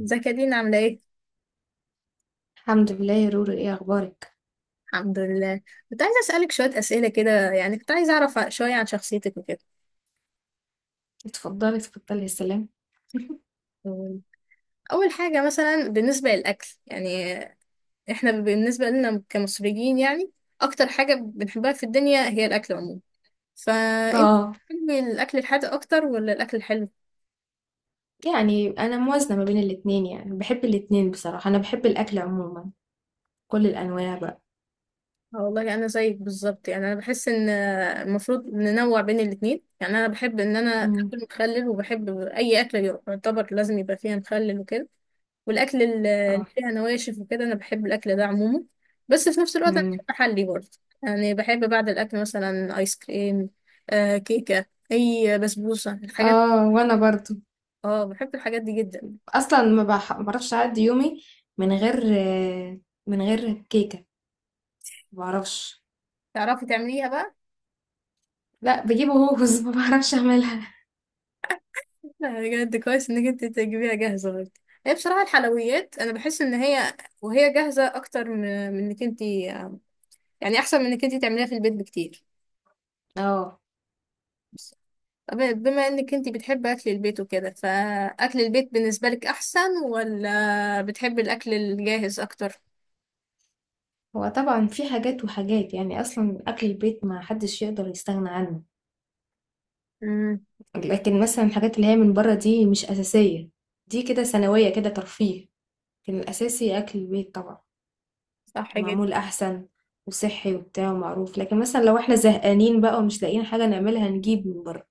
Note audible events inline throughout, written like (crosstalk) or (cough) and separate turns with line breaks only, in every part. ازيك يا دينا عاملة ايه؟
الحمد لله يا رورو، ايه اخبارك؟
الحمد لله. كنت عايزة أسألك شوية أسئلة كده، يعني كنت عايزة أعرف شوية عن شخصيتك وكده.
اتفضلي اتفضلي، يا سلام. (laughs)
أول حاجة مثلا بالنسبة للأكل، يعني احنا بالنسبة لنا كمصريين يعني أكتر حاجة بنحبها في الدنيا هي الأكل عموما. فأنت
اه
بتحبي الأكل الحادق أكتر ولا الأكل الحلو؟
انا موازنه ما بين الاتنين، يعني بحب الاتنين بصراحه. انا بحب الاكل عموما، كل الانواع بقى.
اه والله أنا زيك بالظبط، يعني أنا بحس إن المفروض ننوع بين الاتنين. يعني أنا بحب إن أنا
امم
آكل مخلل وبحب أي أكل يعتبر لازم يبقى فيها مخلل وكده. والاكل اللي
اه.
فيها نواشف وكده انا بحب الاكل ده عموما. بس في نفس الوقت انا
امم
بحب احلي برضه. يعني بحب بعد الاكل مثلا ايس كريم، آه كيكه، اي بسبوسه، الحاجات.
اه وانا برضو.
اه بحب الحاجات دي جدا.
اصلا ما بعرفش اعدي يومي من غير، آه، من غير كيكه، ما بعرفش.
تعرفي تعمليها بقى؟
لا بجيب هوز. (laughs) ما بعرفش اعملها.
لا، بجد كويس انك انت تجيبيها جاهزه برضه. هي بصراحه الحلويات انا بحس ان هي وهي جاهزه اكتر من انك انت، يعني احسن من انك انت تعمليها في البيت بكتير.
اه.
طب بما انك انت بتحبي اكل البيت وكده، فاكل البيت بالنسبه لك احسن ولا بتحبي الاكل الجاهز اكتر؟
هو طبعا في حاجات وحاجات، يعني اصلا اكل البيت ما حدش يقدر يستغنى عنه.
امم،
لكن مثلا الحاجات اللي هي من بره دي مش أساسية، دي كده ثانوية، كده ترفيه. لكن الأساسي أكل البيت طبعا.
صح جدا.
معمول أحسن وصحي وبتاع ومعروف. لكن مثلا لو احنا زهقانين بقى ومش لاقيين حاجة نعملها نجيب من بره.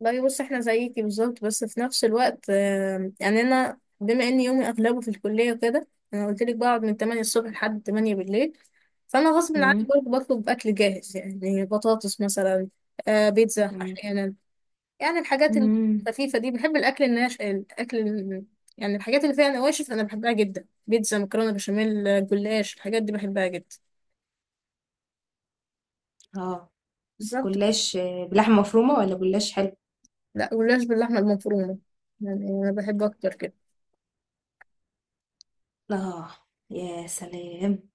لا بص احنا زيكي بالظبط، بس في نفس الوقت يعني انا بما ان يومي اغلبه في الكليه وكده، انا قلت لك بقعد من 8 الصبح لحد 8 بالليل. فانا غصب عني
مم.
برضه بطلب اكل جاهز، يعني بطاطس مثلا، آه بيتزا
مم.
احيانا. يعني الحاجات
مم.
الخفيفة دي بحب الأكل الناش، الأكل يعني الحاجات اللي فيها نواشف أنا بحبها جدا. بيتزا، مكرونة بشاميل، جلاش، الحاجات دي بحبها جدا.
اه.
بالظبط.
جلاش بلحمة مفرومة ولا جلاش حلو؟
لا جلاش باللحمة المفرومة، يعني أنا بحب أكتر كده.
اه، يا سلام،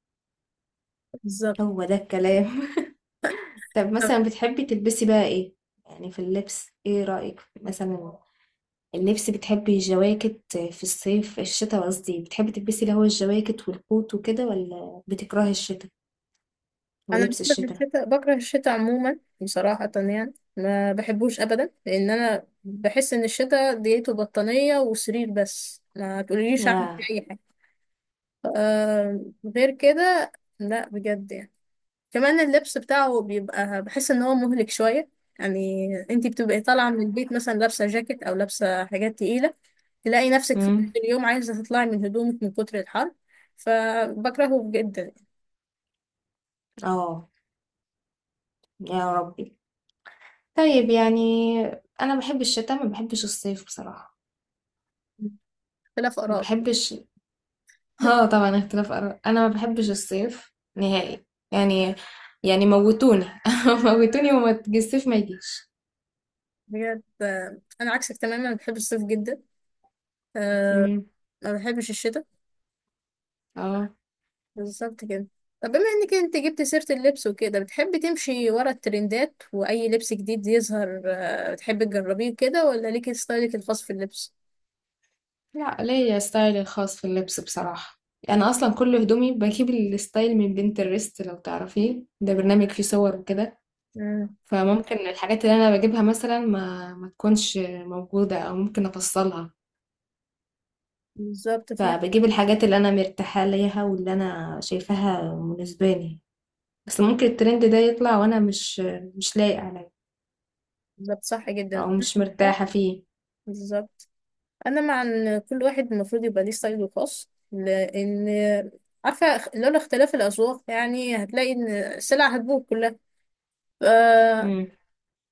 بالظبط.
هو ده الكلام. (laughs) طب
طب،
مثلا بتحبي تلبسي بقى ايه؟ يعني في اللبس ايه رأيك مثلا؟ اللبس بتحبي الجواكت في الصيف الشتاء، قصدي بتحبي تلبسي اللي هو الجواكت والكوت وكده ولا بتكرهي الشتاء
أنا
ولبس
بكره
الشتاء؟
الشتاء، بكره الشتاء عموما بصراحة. يعني ما بحبوش أبدا، لأن أنا بحس إن الشتاء ديته بطانية وسرير بس، ما تقوليليش أعمل
يا.
فيه أي حاجة. آه غير كده، لا بجد يعني كمان اللبس بتاعه بيبقى، بحس ان هو مهلك شوية. يعني انتي بتبقي طالعة من البيت مثلا لابسة جاكيت او لابسة حاجات تقيلة، تلاقي نفسك في نص
امم.
اليوم عايزة تطلعي من هدومك من كتر الحر. فبكرهه جدا.
اه، يا ربي. طيب يعني انا بحب الشتاء، ما بحبش الصيف بصراحة،
اختلاف
ما
آراء.
بحبش. (laughs) اه
(laughs)
طبعا اختلاف اراء، انا ما بحبش الصيف نهائي، يعني، يعني موتوني. (laughs) موتوني وما الصيف ما يجيش.
بجد آه، أنا عكسك تماما، بحب الصيف جدا. أه
امم.
ما بحبش الشتاء.
اه.
بالظبط كده. طب بما إنك أنت جبت سيرة اللبس وكده، بتحبي تمشي ورا الترندات وأي لبس جديد يظهر أه بتحبي تجربيه كده، ولا ليكي ستايلك الخاص في اللبس؟
لا ليا ستايلي الخاص في اللبس بصراحة. أنا أصلا كل هدومي بجيب الستايل من بنترست، لو تعرفيه ده برنامج فيه صور وكده. فممكن الحاجات اللي أنا بجيبها مثلا ما تكونش موجودة أو ممكن أفصلها.
بالظبط، فاهم.
فبجيب الحاجات اللي أنا مرتاحة ليها واللي أنا شايفاها مناسباني. بس ممكن الترند ده يطلع وأنا مش لايق عليه
بالظبط، صح
أو
جدا. أنا
مش
بصراحة-
مرتاحة فيه.
بالظبط. انا مع ان كل واحد المفروض يبقى ليه ستايله الخاص، لان عارفه لولا اختلاف الاذواق يعني هتلاقي ان السلع هتبوظ كلها. ف...
مم.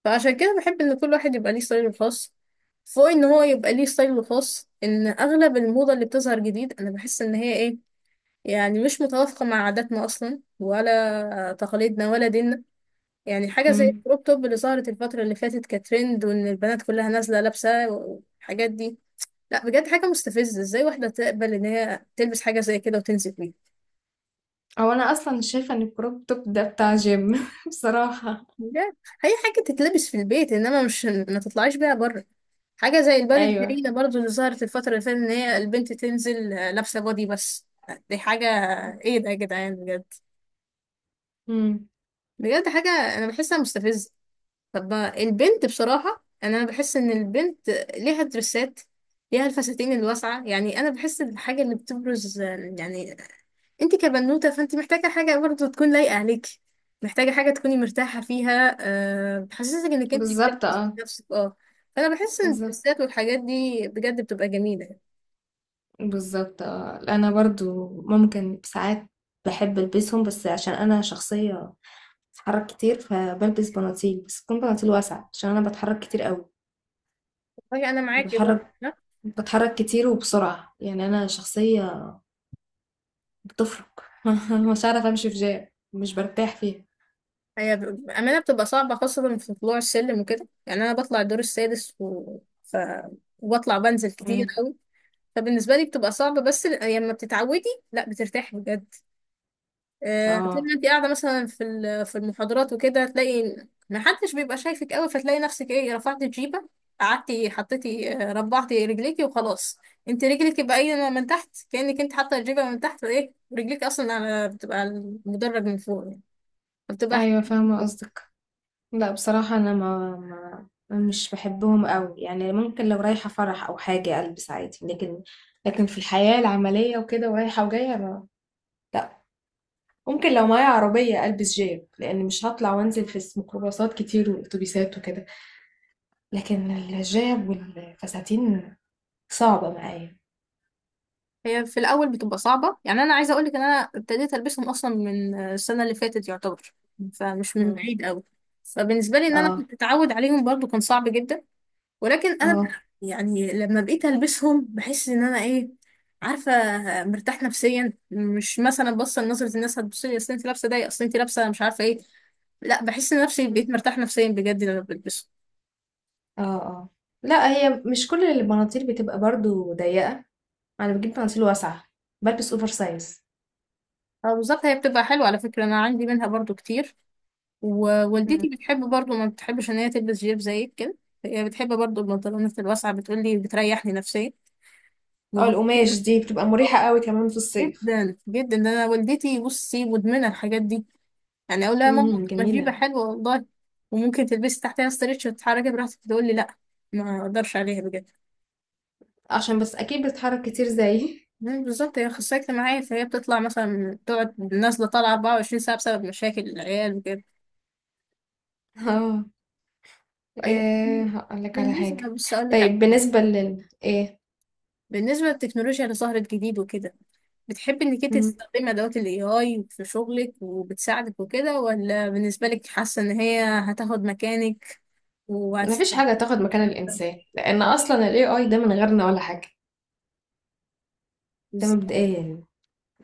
فعشان كده بحب ان كل واحد يبقى ليه ستايله الخاص. فوق ان هو يبقى ليه ستايله الخاص، ان اغلب الموضه اللي بتظهر جديد انا بحس ان هي ايه، يعني مش متوافقه مع عاداتنا اصلا ولا تقاليدنا ولا ديننا. يعني حاجة زي
مم.
الكروب توب اللي ظهرت الفترة اللي فاتت كترند، وإن البنات كلها نازلة لابسة والحاجات دي، لا بجد حاجة مستفزة. إزاي واحدة تقبل إن هي تلبس حاجة زي كده وتنزل بيها؟
أو أنا أصلا شايفة إن الكروب توب ده بتاع جيم. (laughs) بصراحة.
بجد، هي حاجة تتلبس في البيت، إنما مش ما تطلعيش بيها بره. حاجة زي البادي
أيوه.
الفريدة برضو اللي ظهرت الفترة اللي فاتت، إن هي البنت تنزل آه، لابسة بادي بس. دي حاجة، إيه ده يا جدعان بجد؟
مم.
بجد حاجة أنا بحسها مستفزة. طب البنت بصراحة أنا بحس إن البنت ليها درسات، ليها الفساتين الواسعة. يعني أنا بحس الحاجة اللي بتبرز، يعني أنت كبنوتة فأنت محتاجة حاجة برضه تكون لايقة عليكي، محتاجة حاجة تكوني مرتاحة فيها، أه بتحسسك إنك أنت كبرت
بالظبط
في
اه.
نفسك أه. فأنا بحس إن
بالظبط.
الدرسات والحاجات دي بجد بتبقى جميلة.
بالظبط اه، انا برضو ممكن ساعات بحب البسهم، بس عشان انا شخصية بتحرك كتير، فبلبس بناطيل بس تكون بناطيل واسعة عشان انا بتحرك كتير قوي.
والله أنا معاكي برضه.
بتحرك،
ها؟
بتحرك كتير وبسرعة، يعني انا شخصية بتفرق. (laughs) مش عارفة امشي في جام، مش برتاح فيها.
هي بأمانة بتبقى صعبة خاصة في طلوع السلم وكده. يعني أنا بطلع الدور السادس ف... وبطلع بنزل كتير
مم.
أوي. فبالنسبه لي بتبقى صعبه، بس لما بتتعودي لا بترتاحي بجد. آه، طول
اه.
ما انت قاعده مثلا في في المحاضرات وكده، تلاقي ما حدش بيبقى شايفك قوي، فتلاقي نفسك ايه رفعتي الجيبه، قعدتي حطيتي آه، ربعتي رجليكي وخلاص. انت رجلك يبقى ايه من تحت، كانك انت حاطه الجيبه من تحت ايه، رجليك اصلا على بتبقى على المدرج من فوق يعني، بتبقى.
ايوه فاهمة قصدك. لا بصراحة أنا ما, ما مش بحبهم قوي، يعني ممكن لو رايحة فرح أو حاجة ألبس عادي، لكن لكن في الحياة العملية وكده ورايحة وجاية ما، لا. ممكن لو معايا عربية ألبس جيب، لأن مش هطلع وأنزل في ميكروباصات كتير وأتوبيسات وكده. لكن الجيب والفساتين صعبة معايا.
هي في الاول بتبقى صعبه، يعني انا عايزه اقولك ان انا ابتديت البسهم اصلا من السنه اللي فاتت يعتبر، فمش من
مم.
بعيد قوي. فبالنسبه لي ان انا
اه.
كنت اتعود عليهم برضو كان صعب جدا، ولكن انا
اه.
يعني لما بقيت البسهم بحس ان انا ايه، عارفه، مرتاح نفسيا. مش مثلا بص نظره الناس هتبص لي، اصل انت لابسه ده، اصل انت لابسه مش عارفه ايه، لا بحس ان نفسي بقيت مرتاح نفسيا بجد لما بلبسهم.
اه. اه. لا هي مش كل البناطيل بتبقى برضو ضيقة، أنا بجيب بناطيل واسعة، بلبس أوفر سايز.
اه بالظبط، هي بتبقى حلوه على فكره، انا عندي منها برضو كتير. ووالدتي بتحب برضو، ما بتحبش ان هي تلبس جيب زيك كده، هي بتحب برضو البنطلونات الواسعه، بتقولي بتريحني نفسيا.
اه
وهو-
القماش دي بتبقى مريحة
آه،
قوي كمان في الصيف.
جدا جدا، ده انا والدتي بصي مدمنه الحاجات دي. يعني اقول لها ماما
امم،
ما جيبه
جميلة.
حلوه والله، وممكن تلبسي تحتها ستريتش وتتحركي براحتك، تقول لي لا ما اقدرش عليها بجد.
عشان بس اكيد بتتحرك كتير زيي.
مم، بالظبط، هي اخصائيه اجتماعيه، فهي بتطلع مثلا تقعد نازله طالعه 24 ساعه بسبب مشاكل العيال وكده.
(laughs) اه.
طيب
ايه هقول لك على حاجة.
بالنسبه، بص اقول لك على
طيب
حاجه،
بالنسبة لل ايه.
بالنسبه للتكنولوجيا اللي ظهرت جديد وكده، بتحبي انك انت
مم.
تستخدمي ادوات الاي اي في شغلك وبتساعدك وكده، ولا بالنسبه لك حاسه ان هي هتاخد مكانك
مفيش حاجة
وهتستبدلك؟
تاخد مكان الانسان، لان اصلا ال AI ده من غيرنا ولا حاجة. ده
بالظبط.
مبدئيا.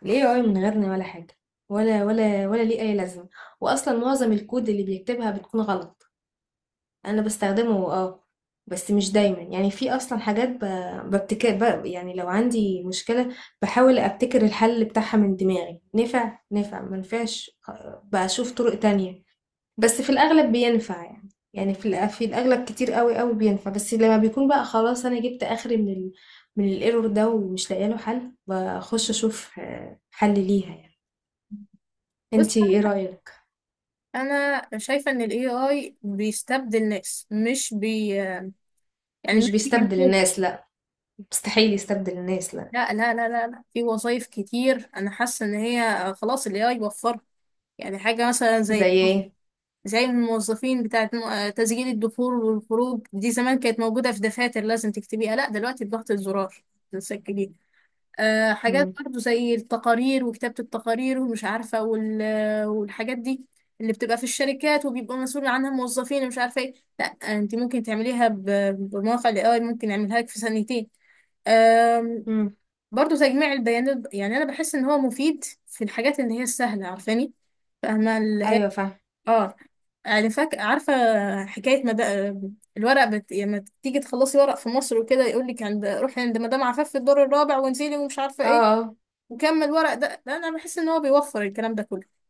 ليه اي من غيرنا ولا حاجة. ولا ليه اي لازمة. واصلا معظم الكود اللي بيكتبها بتكون غلط. انا بستخدمه اه، بس مش دايما. يعني في اصلا حاجات ب... ببتكر ب... يعني لو عندي مشكلة بحاول ابتكر الحل بتاعها من دماغي، نفع ما نفعش، بشوف طرق تانية. بس في الاغلب بينفع يعني. يعني في الاغلب كتير قوي بينفع. بس لما بيكون بقى خلاص انا جبت اخري من ال... من الايرور ده ومش لاقيه له حل، بخش اشوف حل ليها يعني.
بص
انتي ايه رأيك؟
انا شايفه ان الاي اي بيستبدل ناس، مش بي يعني
مش
مش
بيستبدل
بينفذ.
الناس لا، مستحيل يستبدل الناس لا.
لا لا لا لا لا، في وظايف كتير انا حاسه ان هي خلاص الاي اي وفرها. يعني حاجه مثلا
زي
زي،
ايه؟
زي الموظفين بتاعه تسجيل الدخول والخروج، دي زمان كانت موجوده في دفاتر لازم تكتبيها، لا دلوقتي بضغط الزرار تسجليها. آه، حاجات برضو زي التقارير وكتابة التقارير ومش عارفة والحاجات دي اللي بتبقى في الشركات وبيبقى مسؤول عنها موظفين ومش عارفة ايه، لا انت ممكن تعمليها بمواقع الاي اي، ممكن يعملها لك في ثانيتين. آم،
إمم.
برضو تجميع البيانات، يعني انا بحس ان هو مفيد في الحاجات اللي هي السهلة، عارفاني فاهمة اللي هي،
أيوه فاهمة.
اه يعني فاك عارفة. حكاية مد... الورق لما تيجي تخلصي ورق في مصر وكده يقول لك عند، روحي عند مدام عفاف في الدور الرابع وانزلي ومش عارفة
آه،
ايه
آه.
وكمل ورق ده، لا انا بحس ان هو بيوفر الكلام ده كله.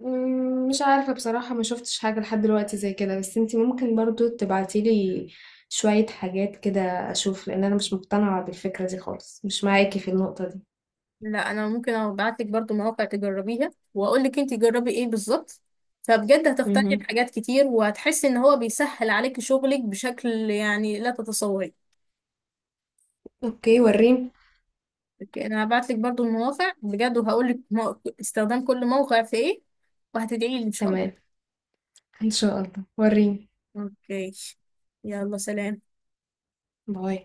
إمم، مش عارفة بصراحة، ما شُفتش حاجة لحد دلوقتي زي كده، بس أنتِ ممكن برضه تبعتي لي شوية حاجات كده أشوف، لإن أنا مش مقتنعة بالفكرة دي خالص، مش معاكِ في النقطة دي.
لا انا ممكن ابعت لك برضو مواقع تجربيها، واقول لك انت جربي ايه بالظبط، فبجد هتقتنعي
اهم.
بحاجات كتير، وهتحسي ان هو بيسهل عليك شغلك بشكل يعني لا تتصوري.
أوكي ورّيني.
اوكي، انا هبعت لك برضو المواقع بجد، وهقول لك استخدام كل موقع في ايه، وهتدعي لي ان شاء الله.
تمام، إن شاء الله، ورّيني.
اوكي، يلا سلام.
باي.